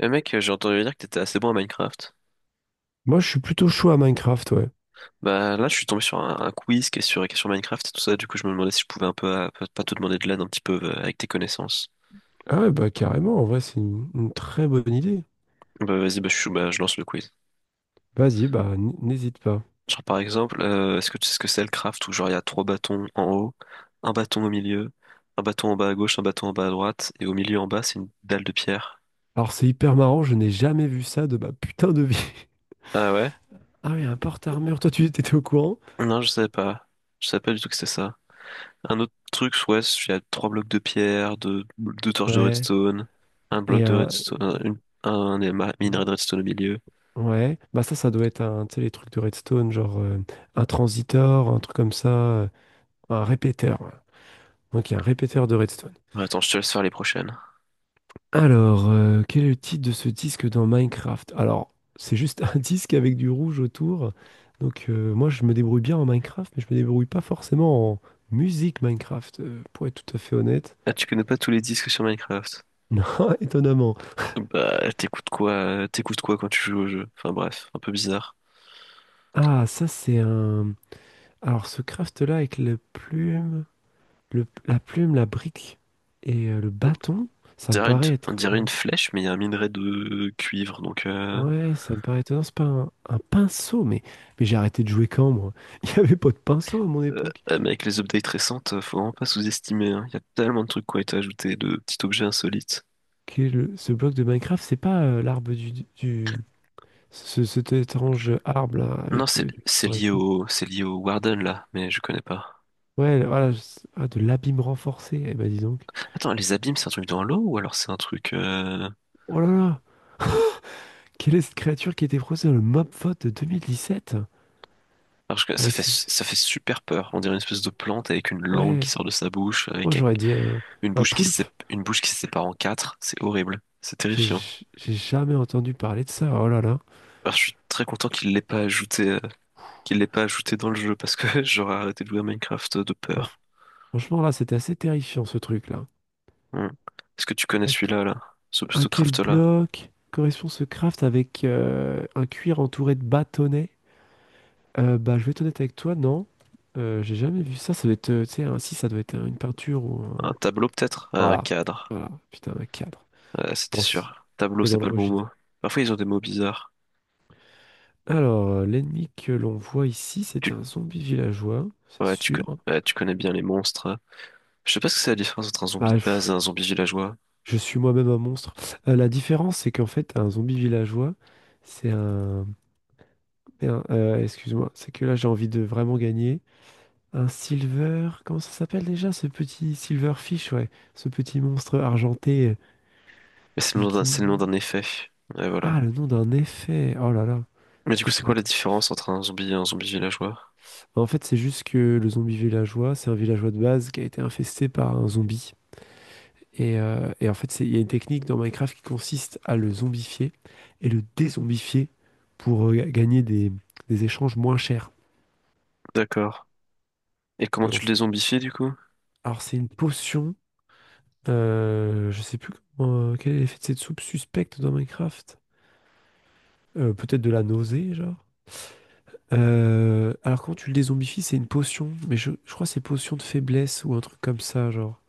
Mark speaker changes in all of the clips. Speaker 1: Eh mec, j'ai entendu dire que t'étais assez bon à Minecraft.
Speaker 2: Moi, je suis plutôt chaud à Minecraft, ouais.
Speaker 1: Bah là, je suis tombé sur un quiz qui est sur Minecraft et tout ça. Du coup, je me demandais si je pouvais un peu, pas te demander de l'aide un petit peu avec tes connaissances.
Speaker 2: Ah ouais, bah carrément, en vrai, c'est une très bonne idée.
Speaker 1: Bah vas-y, bah, bah, je lance le quiz.
Speaker 2: Vas-y, bah n'hésite pas.
Speaker 1: Genre par exemple, est-ce que tu sais ce que c'est le craft où genre il y a trois bâtons en haut, un bâton au milieu, un bâton en bas à gauche, un bâton en bas à droite et au milieu en bas c'est une dalle de pierre.
Speaker 2: Alors, c'est hyper marrant, je n'ai jamais vu ça de ma putain de vie.
Speaker 1: Ah ouais?
Speaker 2: Ah oui, un porte-armure, toi, tu étais au courant?
Speaker 1: Non, je savais pas. Je savais pas du tout que c'était ça. Un autre truc, ouais, il y a trois blocs de pierre, deux torches de
Speaker 2: Ouais.
Speaker 1: redstone, un bloc
Speaker 2: Et
Speaker 1: de
Speaker 2: un...
Speaker 1: redstone, un minerai de redstone au milieu.
Speaker 2: Ouais. Bah ça, ça doit être un, tu sais, les trucs de Redstone, genre un transitor, un truc comme ça, un répéteur, ouais. Donc, il y a un répéteur de Redstone.
Speaker 1: Ouais, attends, je te laisse faire les prochaines.
Speaker 2: Alors, quel est le titre de ce disque dans Minecraft? Alors, c'est juste un disque avec du rouge autour. Donc, moi, je me débrouille bien en Minecraft, mais je me débrouille pas forcément en musique Minecraft, pour être tout à fait honnête.
Speaker 1: Ah, tu connais pas tous les disques sur Minecraft?
Speaker 2: Non, étonnamment.
Speaker 1: Bah, t'écoutes quoi quand tu joues au jeu? Enfin bref, un peu bizarre.
Speaker 2: Ah, ça, c'est un... Alors, ce craft-là avec la plume, la plume, la brique et le bâton,
Speaker 1: On
Speaker 2: ça me
Speaker 1: dirait une,
Speaker 2: paraît
Speaker 1: on
Speaker 2: être...
Speaker 1: dirait une flèche, mais il y a un minerai de cuivre, donc
Speaker 2: Ouais, ça me paraît étonnant. C'est pas un pinceau, mais j'ai arrêté de jouer quand, moi? Il n'y avait pas de pinceau à mon
Speaker 1: euh,
Speaker 2: époque.
Speaker 1: mais avec les updates récentes, faut vraiment pas sous-estimer, hein. Il y a tellement de trucs qui ont été ajoutés, de petits objets insolites.
Speaker 2: Quel ce bloc de Minecraft, c'est pas l'arbre du cet étrange arbre là
Speaker 1: Non,
Speaker 2: avec
Speaker 1: c'est
Speaker 2: du corps et tout.
Speaker 1: c'est lié au Warden là, mais je connais pas.
Speaker 2: Ouais, voilà, ah, de l'abîme renforcé. Eh ben dis donc.
Speaker 1: Attends, les abîmes, c'est un truc dans l'eau ou alors c'est un truc
Speaker 2: Oh là là, quelle est cette créature qui était proposée dans le mob vote de 2017?
Speaker 1: alors,
Speaker 2: Avec ses...
Speaker 1: ça fait super peur. On dirait une espèce de plante avec une langue
Speaker 2: ouais,
Speaker 1: qui sort de sa bouche,
Speaker 2: moi
Speaker 1: avec
Speaker 2: j'aurais dit un,
Speaker 1: une
Speaker 2: un
Speaker 1: bouche
Speaker 2: poulpe.
Speaker 1: une bouche qui se sépare en quatre, c'est horrible, c'est
Speaker 2: J'ai
Speaker 1: terrifiant.
Speaker 2: j'ai jamais entendu parler de ça. Oh là là.
Speaker 1: Alors, je suis très content qu'il l'ait pas ajouté, qu'il l'ait pas ajouté dans le jeu parce que j'aurais arrêté de jouer à Minecraft de
Speaker 2: Non,
Speaker 1: peur.
Speaker 2: franchement là, c'était assez terrifiant ce truc là.
Speaker 1: Hmm. Est-ce que tu connais
Speaker 2: À, que-
Speaker 1: celui-là, là? Ce,
Speaker 2: à
Speaker 1: ce
Speaker 2: quel
Speaker 1: craft-là?
Speaker 2: bloc correspond ce craft avec un cuir entouré de bâtonnets? Bah, je vais être honnête avec toi, non. J'ai jamais vu ça. Ça doit être, tu sais, si ça doit être une peinture ou un.
Speaker 1: Un tableau peut-être? Un
Speaker 2: Voilà.
Speaker 1: cadre.
Speaker 2: Voilà. Putain, un cadre.
Speaker 1: Ouais, c'était
Speaker 2: Bon, c'est
Speaker 1: sûr. Tableau,
Speaker 2: c'est dans
Speaker 1: c'est
Speaker 2: le
Speaker 1: pas le bon
Speaker 2: registre.
Speaker 1: mot. Parfois, ils ont des mots bizarres.
Speaker 2: Alors, l'ennemi que l'on voit ici,
Speaker 1: Tu,
Speaker 2: c'est un zombie villageois, c'est
Speaker 1: ouais, tu, co-
Speaker 2: sûr.
Speaker 1: ouais, tu connais bien les monstres. Je sais pas ce que c'est la différence entre un zombie
Speaker 2: Bah,
Speaker 1: de
Speaker 2: je,
Speaker 1: base et un zombie villageois,
Speaker 2: je suis moi-même un monstre. La différence, c'est qu'en fait, un zombie villageois, c'est un. Excuse-moi, c'est que là, j'ai envie de vraiment gagner. Un silver. Comment ça s'appelle déjà, ce petit silverfish, ouais. Ce petit monstre argenté.
Speaker 1: mais c'est le nom
Speaker 2: Qui...
Speaker 1: d'un effet. Ouais, voilà.
Speaker 2: Ah, le nom d'un effet. Oh là là,
Speaker 1: Mais du coup,
Speaker 2: j'étais
Speaker 1: c'est
Speaker 2: pas
Speaker 1: quoi la
Speaker 2: attentif.
Speaker 1: différence entre un zombie et un zombie villageois?
Speaker 2: Bah, en fait, c'est juste que le zombie villageois, c'est un villageois de base qui a été infesté par un zombie. Et en fait, il y a une technique dans Minecraft qui consiste à le zombifier et le dézombifier pour gagner des échanges moins chers.
Speaker 1: D'accord. Et
Speaker 2: Parce
Speaker 1: comment
Speaker 2: que, en
Speaker 1: tu le
Speaker 2: fait-
Speaker 1: dézombifies du coup?
Speaker 2: Alors, c'est une potion. Je sais plus comment, quel est l'effet de cette soupe suspecte dans Minecraft. Peut-être de la nausée, genre. Alors quand tu le dézombifie, c'est une potion, mais je crois que c'est potion de faiblesse ou un truc comme ça, genre.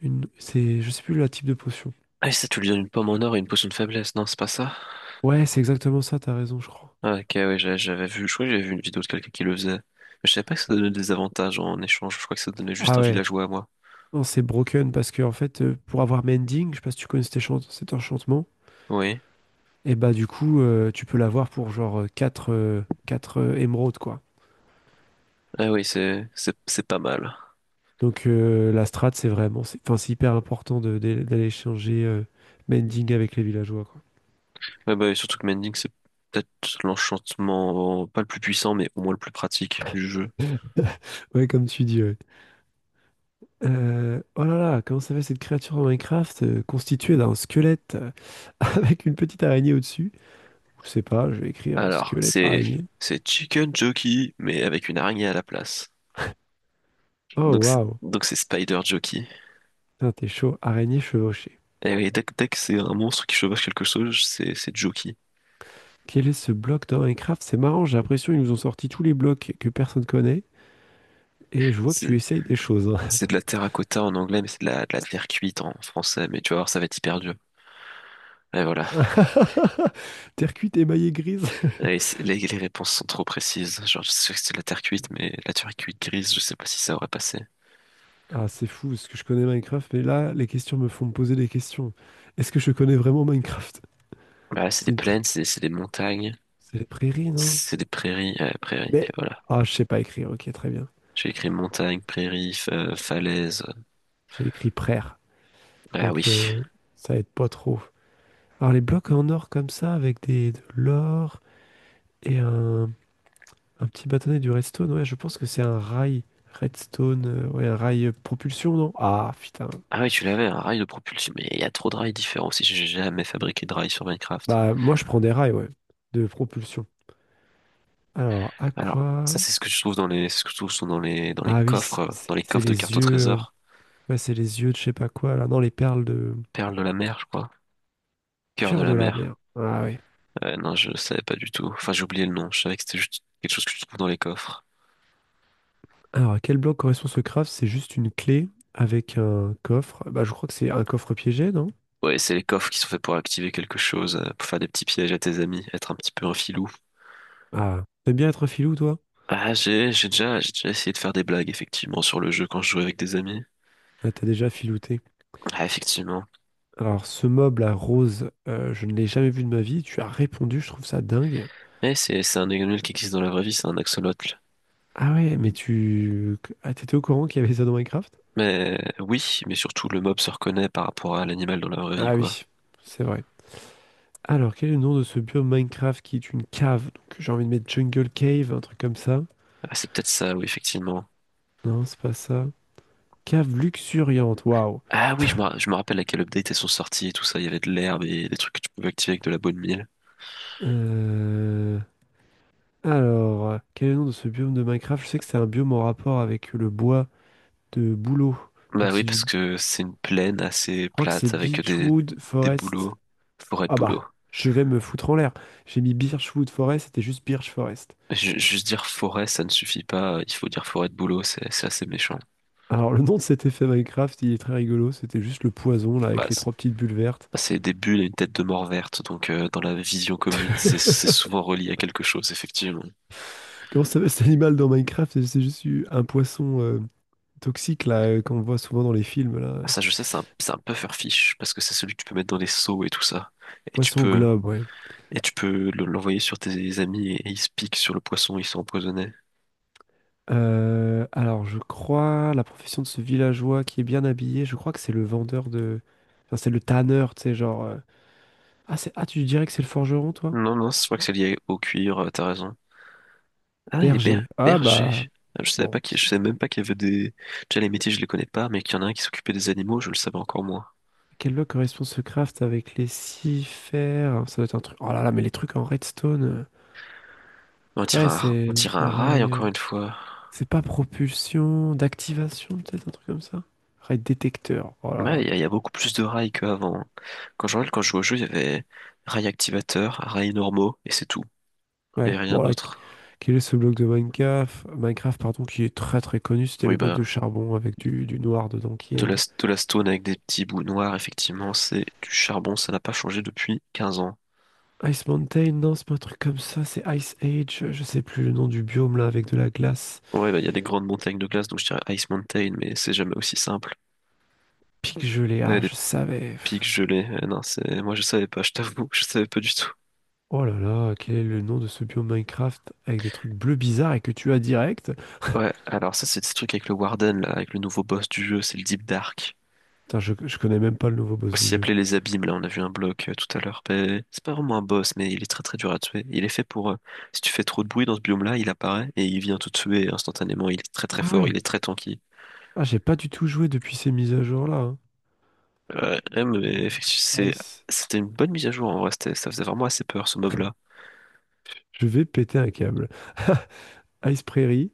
Speaker 2: C'est, je sais plus le type de potion.
Speaker 1: Ah, et ça, tu lui donnes une pomme en or et une potion de faiblesse, non, c'est pas ça?
Speaker 2: Ouais, c'est exactement ça, t'as raison, je crois.
Speaker 1: Ah, ok, ouais, j'avais vu, je crois que j'avais vu une vidéo de quelqu'un qui le faisait. Mais je savais pas que ça donnait des avantages en échange, je crois que ça donnait juste
Speaker 2: Ah
Speaker 1: un
Speaker 2: ouais,
Speaker 1: villageois à moi.
Speaker 2: non, c'est broken parce que en fait, pour avoir mending, je sais pas si tu connais cet enchantement,
Speaker 1: Oui.
Speaker 2: et bah du coup, tu peux l'avoir pour genre quatre émeraudes, quoi.
Speaker 1: Ah oui, c'est pas mal.
Speaker 2: Donc la strat, c'est vraiment, enfin, c'est hyper important d'aller échanger mending avec les villageois, quoi.
Speaker 1: Ouais, bah, et surtout que Mending, c'est peut-être l'enchantement, pas le plus puissant, mais au moins le plus pratique du jeu.
Speaker 2: Ouais, comme tu dis, ouais. Oh là là, comment s'appelle cette créature en Minecraft constituée d'un squelette avec une petite araignée au-dessus? Je sais pas, je vais écrire
Speaker 1: Alors,
Speaker 2: squelette araignée.
Speaker 1: c'est Chicken Jockey, mais avec une araignée à la place.
Speaker 2: Oh waouh,
Speaker 1: Donc c'est Spider Jockey.
Speaker 2: putain, t'es chaud, araignée chevauchée.
Speaker 1: Et oui, dès que c'est un monstre qui chevauche quelque chose, c'est Jockey.
Speaker 2: Quel est ce bloc dans Minecraft? C'est marrant, j'ai l'impression qu'ils nous ont sorti tous les blocs que personne connaît et je vois que
Speaker 1: C'est
Speaker 2: tu essayes des choses,
Speaker 1: c'est de la terracotta en anglais, mais c'est de la terre cuite en français. Mais tu vas voir, ça va être hyper dur. Et voilà.
Speaker 2: hein. Terre cuite émaillée grise.
Speaker 1: Les réponses sont trop précises. Genre, je sais que c'est de la terre cuite, mais la terre cuite grise, je sais pas si ça aurait passé.
Speaker 2: Ah, c'est fou, parce que je connais Minecraft, mais là, les questions me font me poser des questions. Est-ce que je connais vraiment Minecraft?
Speaker 1: Bah là, c'est
Speaker 2: C'est
Speaker 1: des
Speaker 2: une pr-
Speaker 1: plaines, c'est des montagnes,
Speaker 2: c'est les prairies, non?
Speaker 1: c'est des prairies, ouais, prairies. Et
Speaker 2: Mais,
Speaker 1: voilà.
Speaker 2: ah, je sais pas écrire, ok, très bien.
Speaker 1: J'ai écrit montagne, prairie,
Speaker 2: J-
Speaker 1: falaise.
Speaker 2: J'ai écrit prère,
Speaker 1: Ah
Speaker 2: donc
Speaker 1: oui.
Speaker 2: ça aide pas trop. Alors, les blocs en or comme ça, avec de l'or et un petit bâtonnet du redstone, ouais, je pense que c'est un rail redstone, ouais, un rail propulsion, non? Ah, putain.
Speaker 1: Ah oui, tu l'avais, un rail de propulsion, mais il y a trop de rails différents aussi, j'ai jamais fabriqué de rails sur Minecraft.
Speaker 2: Bah, moi, je prends des rails, ouais, de propulsion. Alors, à
Speaker 1: Alors, ça
Speaker 2: quoi?
Speaker 1: c'est ce que je trouve dans c'est ce que je trouve sont
Speaker 2: Ah oui,
Speaker 1: dans les
Speaker 2: c'est
Speaker 1: coffres de
Speaker 2: les
Speaker 1: cartes au
Speaker 2: yeux,
Speaker 1: trésor.
Speaker 2: ouais, c'est les yeux de je sais pas quoi, là, non, les perles de
Speaker 1: Perles de la mer, je crois. Cœur de
Speaker 2: cœur de
Speaker 1: la
Speaker 2: la
Speaker 1: mer.
Speaker 2: mer. Ah oui.
Speaker 1: Ouais, non, je savais pas du tout. Enfin, j'ai oublié le nom, je savais que c'était juste quelque chose que tu trouves dans les coffres.
Speaker 2: Alors, à quel bloc correspond ce craft? C'est juste une clé avec un coffre. Bah, je crois que c'est un coffre piégé, non?
Speaker 1: Ouais, c'est les coffres qui sont faits pour activer quelque chose, pour faire des petits pièges à tes amis, être un petit peu un filou.
Speaker 2: Ah, t'aimes bien être un filou, toi?
Speaker 1: Ah, j'ai déjà essayé de faire des blagues, effectivement, sur le jeu quand je jouais avec des amis.
Speaker 2: Ah, t'as déjà filouté.
Speaker 1: Ah, effectivement.
Speaker 2: Alors, ce meuble à rose, je ne l'ai jamais vu de ma vie. Tu as répondu, je trouve ça dingue.
Speaker 1: Eh, c'est un animal qui existe dans la vraie vie, c'est un axolote.
Speaker 2: Ah ouais, mais tu... Ah, t'étais au courant qu'il y avait ça dans Minecraft?
Speaker 1: Mais oui, mais surtout le mob se reconnaît par rapport à l'animal dans la vraie vie,
Speaker 2: Ah
Speaker 1: quoi.
Speaker 2: oui, c'est vrai. Alors, quel est le nom de ce biome Minecraft qui est une cave? Donc, j'ai envie de mettre Jungle Cave, un truc comme ça.
Speaker 1: Ah, c'est peut-être ça, oui, effectivement.
Speaker 2: Non, c'est pas ça. Cave luxuriante, waouh.
Speaker 1: Ah oui, je me rappelle à quel update elles sont sorties et tout ça. Il y avait de l'herbe et des trucs que tu pouvais activer avec de la bonne mille.
Speaker 2: Euh, alors, quel est le nom de ce biome de Minecraft? Je sais que c'est un biome en rapport avec le bois de bouleau.
Speaker 1: Bah
Speaker 2: Donc
Speaker 1: oui,
Speaker 2: c'est du... Je
Speaker 1: parce que c'est une plaine assez
Speaker 2: crois que c'est
Speaker 1: plate avec
Speaker 2: birchwood
Speaker 1: des
Speaker 2: Forest.
Speaker 1: bouleaux, forêt de
Speaker 2: Ah
Speaker 1: bouleaux.
Speaker 2: bah, je vais me foutre en l'air. J'ai mis Birchwood Forest, c'était juste Birch Forest.
Speaker 1: Juste dire forêt, ça ne suffit pas. Il faut dire forêt de bouleaux, c'est assez méchant.
Speaker 2: Alors le nom de cet effet Minecraft, il est très rigolo. C'était juste le poison, là,
Speaker 1: Bah,
Speaker 2: avec les
Speaker 1: c'est
Speaker 2: trois petites bulles vertes.
Speaker 1: des bulles et une tête de mort verte, donc dans la vision commune, c'est souvent relié à quelque chose, effectivement.
Speaker 2: Comment ça s'appelle cet animal dans Minecraft? C'est juste un poisson toxique, là, qu'on voit souvent dans les films, là.
Speaker 1: Ah, ça, je sais, c'est un puffer fish parce que c'est celui que tu peux mettre dans les seaux et tout ça. Et tu
Speaker 2: Poisson
Speaker 1: peux,
Speaker 2: globe, ouais.
Speaker 1: et tu peux l'envoyer sur tes amis et ils se piquent sur le poisson, ils sont empoisonnés.
Speaker 2: Alors, je crois la profession de ce villageois qui est bien habillé, je crois que c'est le vendeur de... Enfin, c'est le tanneur, tu sais, genre... Ah, c'est... ah, tu dirais que c'est le forgeron, toi?
Speaker 1: Non, non, c'est vrai que c'est lié au cuir, t'as raison. Ah, il est
Speaker 2: Berger. Ah,
Speaker 1: berger.
Speaker 2: bah...
Speaker 1: Ah, je savais
Speaker 2: Bon,
Speaker 1: pas qu'il, je savais même pas qu'il y avait déjà les métiers, je les connais pas, mais qu'il y en a un qui s'occupait des animaux, je le savais encore moins.
Speaker 2: à quel lot correspond ce craft avec les six fers? Ça doit être un truc... Oh là là, mais les trucs en redstone...
Speaker 1: On dirait
Speaker 2: Ouais,
Speaker 1: on
Speaker 2: c'est
Speaker 1: dirait un
Speaker 2: un
Speaker 1: rail
Speaker 2: rail...
Speaker 1: encore une fois.
Speaker 2: c'est pas propulsion, d'activation, peut-être, un truc comme ça? Rail détecteur. Oh là
Speaker 1: Ouais,
Speaker 2: là.
Speaker 1: il y a il y a beaucoup plus de rails qu'avant. Quand je jouais au jeu, il y avait rails activateurs, rails normaux, et c'est tout. Il y
Speaker 2: Ouais.
Speaker 1: avait rien
Speaker 2: Bon, là,
Speaker 1: d'autre.
Speaker 2: quel est ce bloc de Minecraft, Minecraft, pardon, qui est très très connu, c'était
Speaker 1: Oui,
Speaker 2: le bloc de
Speaker 1: bah.
Speaker 2: charbon avec du noir dedans qui aide.
Speaker 1: De la stone avec des petits bouts noirs, effectivement, c'est du charbon, ça n'a pas changé depuis 15 ans.
Speaker 2: Ice Mountain, non, c'est pas un truc comme ça, c'est Ice Age, je sais plus le nom du biome là avec de la glace.
Speaker 1: Ouais, bah, il y a des grandes montagnes de glace, donc je dirais Ice Mountain, mais c'est jamais aussi simple.
Speaker 2: Pic gelé,
Speaker 1: Et
Speaker 2: ah,
Speaker 1: des
Speaker 2: je savais,
Speaker 1: pics
Speaker 2: pff.
Speaker 1: gelés, eh non, c'est, moi je savais pas, je t'avoue, je savais pas du tout.
Speaker 2: Oh là là, quel est le nom de ce biome Minecraft avec des trucs bleus bizarres et que tu as direct?
Speaker 1: Ouais, alors ça, c'est des trucs avec le Warden, là, avec le nouveau boss du jeu, c'est le Deep Dark.
Speaker 2: Putain, je connais même pas le nouveau boss du
Speaker 1: Aussi
Speaker 2: jeu.
Speaker 1: appelé les abîmes, là, on a vu un bloc tout à l'heure. Mais c'est pas vraiment un boss, mais il est très très dur à tuer. Il est fait pour, si tu fais trop de bruit dans ce biome-là, il apparaît et il vient te tuer instantanément. Il est très très
Speaker 2: Ah
Speaker 1: fort,
Speaker 2: ouais,
Speaker 1: il est très tanky.
Speaker 2: ah, j'ai pas du tout joué depuis ces mises à jour là, hein.
Speaker 1: Ouais, ouais, mais effectivement, c'est,
Speaker 2: Ice.
Speaker 1: c'était une bonne mise à jour en vrai. C'était, ça faisait vraiment assez peur ce mob-là.
Speaker 2: Je vais péter un câble. Ice Prairie.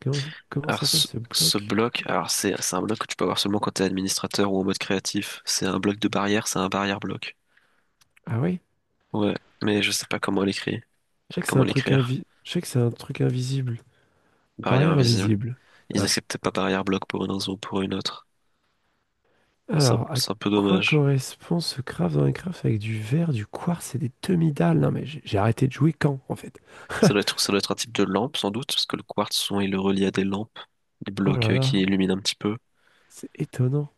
Speaker 2: Comment
Speaker 1: Alors,
Speaker 2: s'appelle
Speaker 1: ce,
Speaker 2: ce
Speaker 1: ce
Speaker 2: bloc?
Speaker 1: bloc, alors c'est un bloc que tu peux avoir seulement quand t'es administrateur ou en mode créatif. C'est un bloc de barrière, c'est un barrière bloc.
Speaker 2: Ah ouais?
Speaker 1: Ouais, mais je sais pas comment l'écrire. Comment l'écrire?
Speaker 2: Je sais que c'est un truc invisible.
Speaker 1: Barrière
Speaker 2: Barrière
Speaker 1: invisible.
Speaker 2: invisible.
Speaker 1: Ils
Speaker 2: Ah.
Speaker 1: acceptaient pas barrière bloc pour une raison ou pour une autre.
Speaker 2: Alors, à
Speaker 1: C'est un peu
Speaker 2: quoi
Speaker 1: dommage.
Speaker 2: correspond ce craft dans les crafts avec du verre, du quartz et des demi-dalles? Non mais j'ai arrêté de jouer quand, en fait?
Speaker 1: Ça doit être un type de lampe sans doute, parce que le quartz, souvent, il le relie à des lampes, des
Speaker 2: Oh
Speaker 1: blocs
Speaker 2: là là,
Speaker 1: qui illuminent un petit peu.
Speaker 2: c'est étonnant.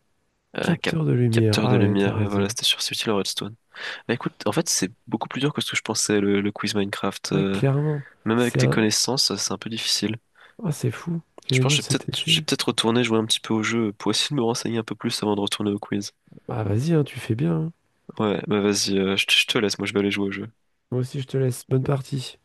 Speaker 1: Un cap-
Speaker 2: Capteur de lumière.
Speaker 1: capteur de
Speaker 2: Ah ouais, t'as
Speaker 1: lumière, et voilà,
Speaker 2: raison.
Speaker 1: c'était sur c'est utile en redstone. Bah écoute, en fait, c'est beaucoup plus dur que ce que je pensais, le quiz Minecraft.
Speaker 2: Ouais, clairement.
Speaker 1: Même avec
Speaker 2: C'est
Speaker 1: tes
Speaker 2: un...
Speaker 1: connaissances, c'est un peu difficile.
Speaker 2: Ah, c'est fou.
Speaker 1: Je
Speaker 2: Quel est le
Speaker 1: pense
Speaker 2: nom de
Speaker 1: que
Speaker 2: cet
Speaker 1: je vais
Speaker 2: effet?
Speaker 1: peut-être retourner jouer un petit peu au jeu pour essayer de me renseigner un peu plus avant de retourner au quiz.
Speaker 2: Bah vas-y, hein, tu fais bien, hein.
Speaker 1: Ouais, bah vas-y, je te laisse, moi je vais aller jouer au jeu.
Speaker 2: Moi aussi, je te laisse. Bonne partie.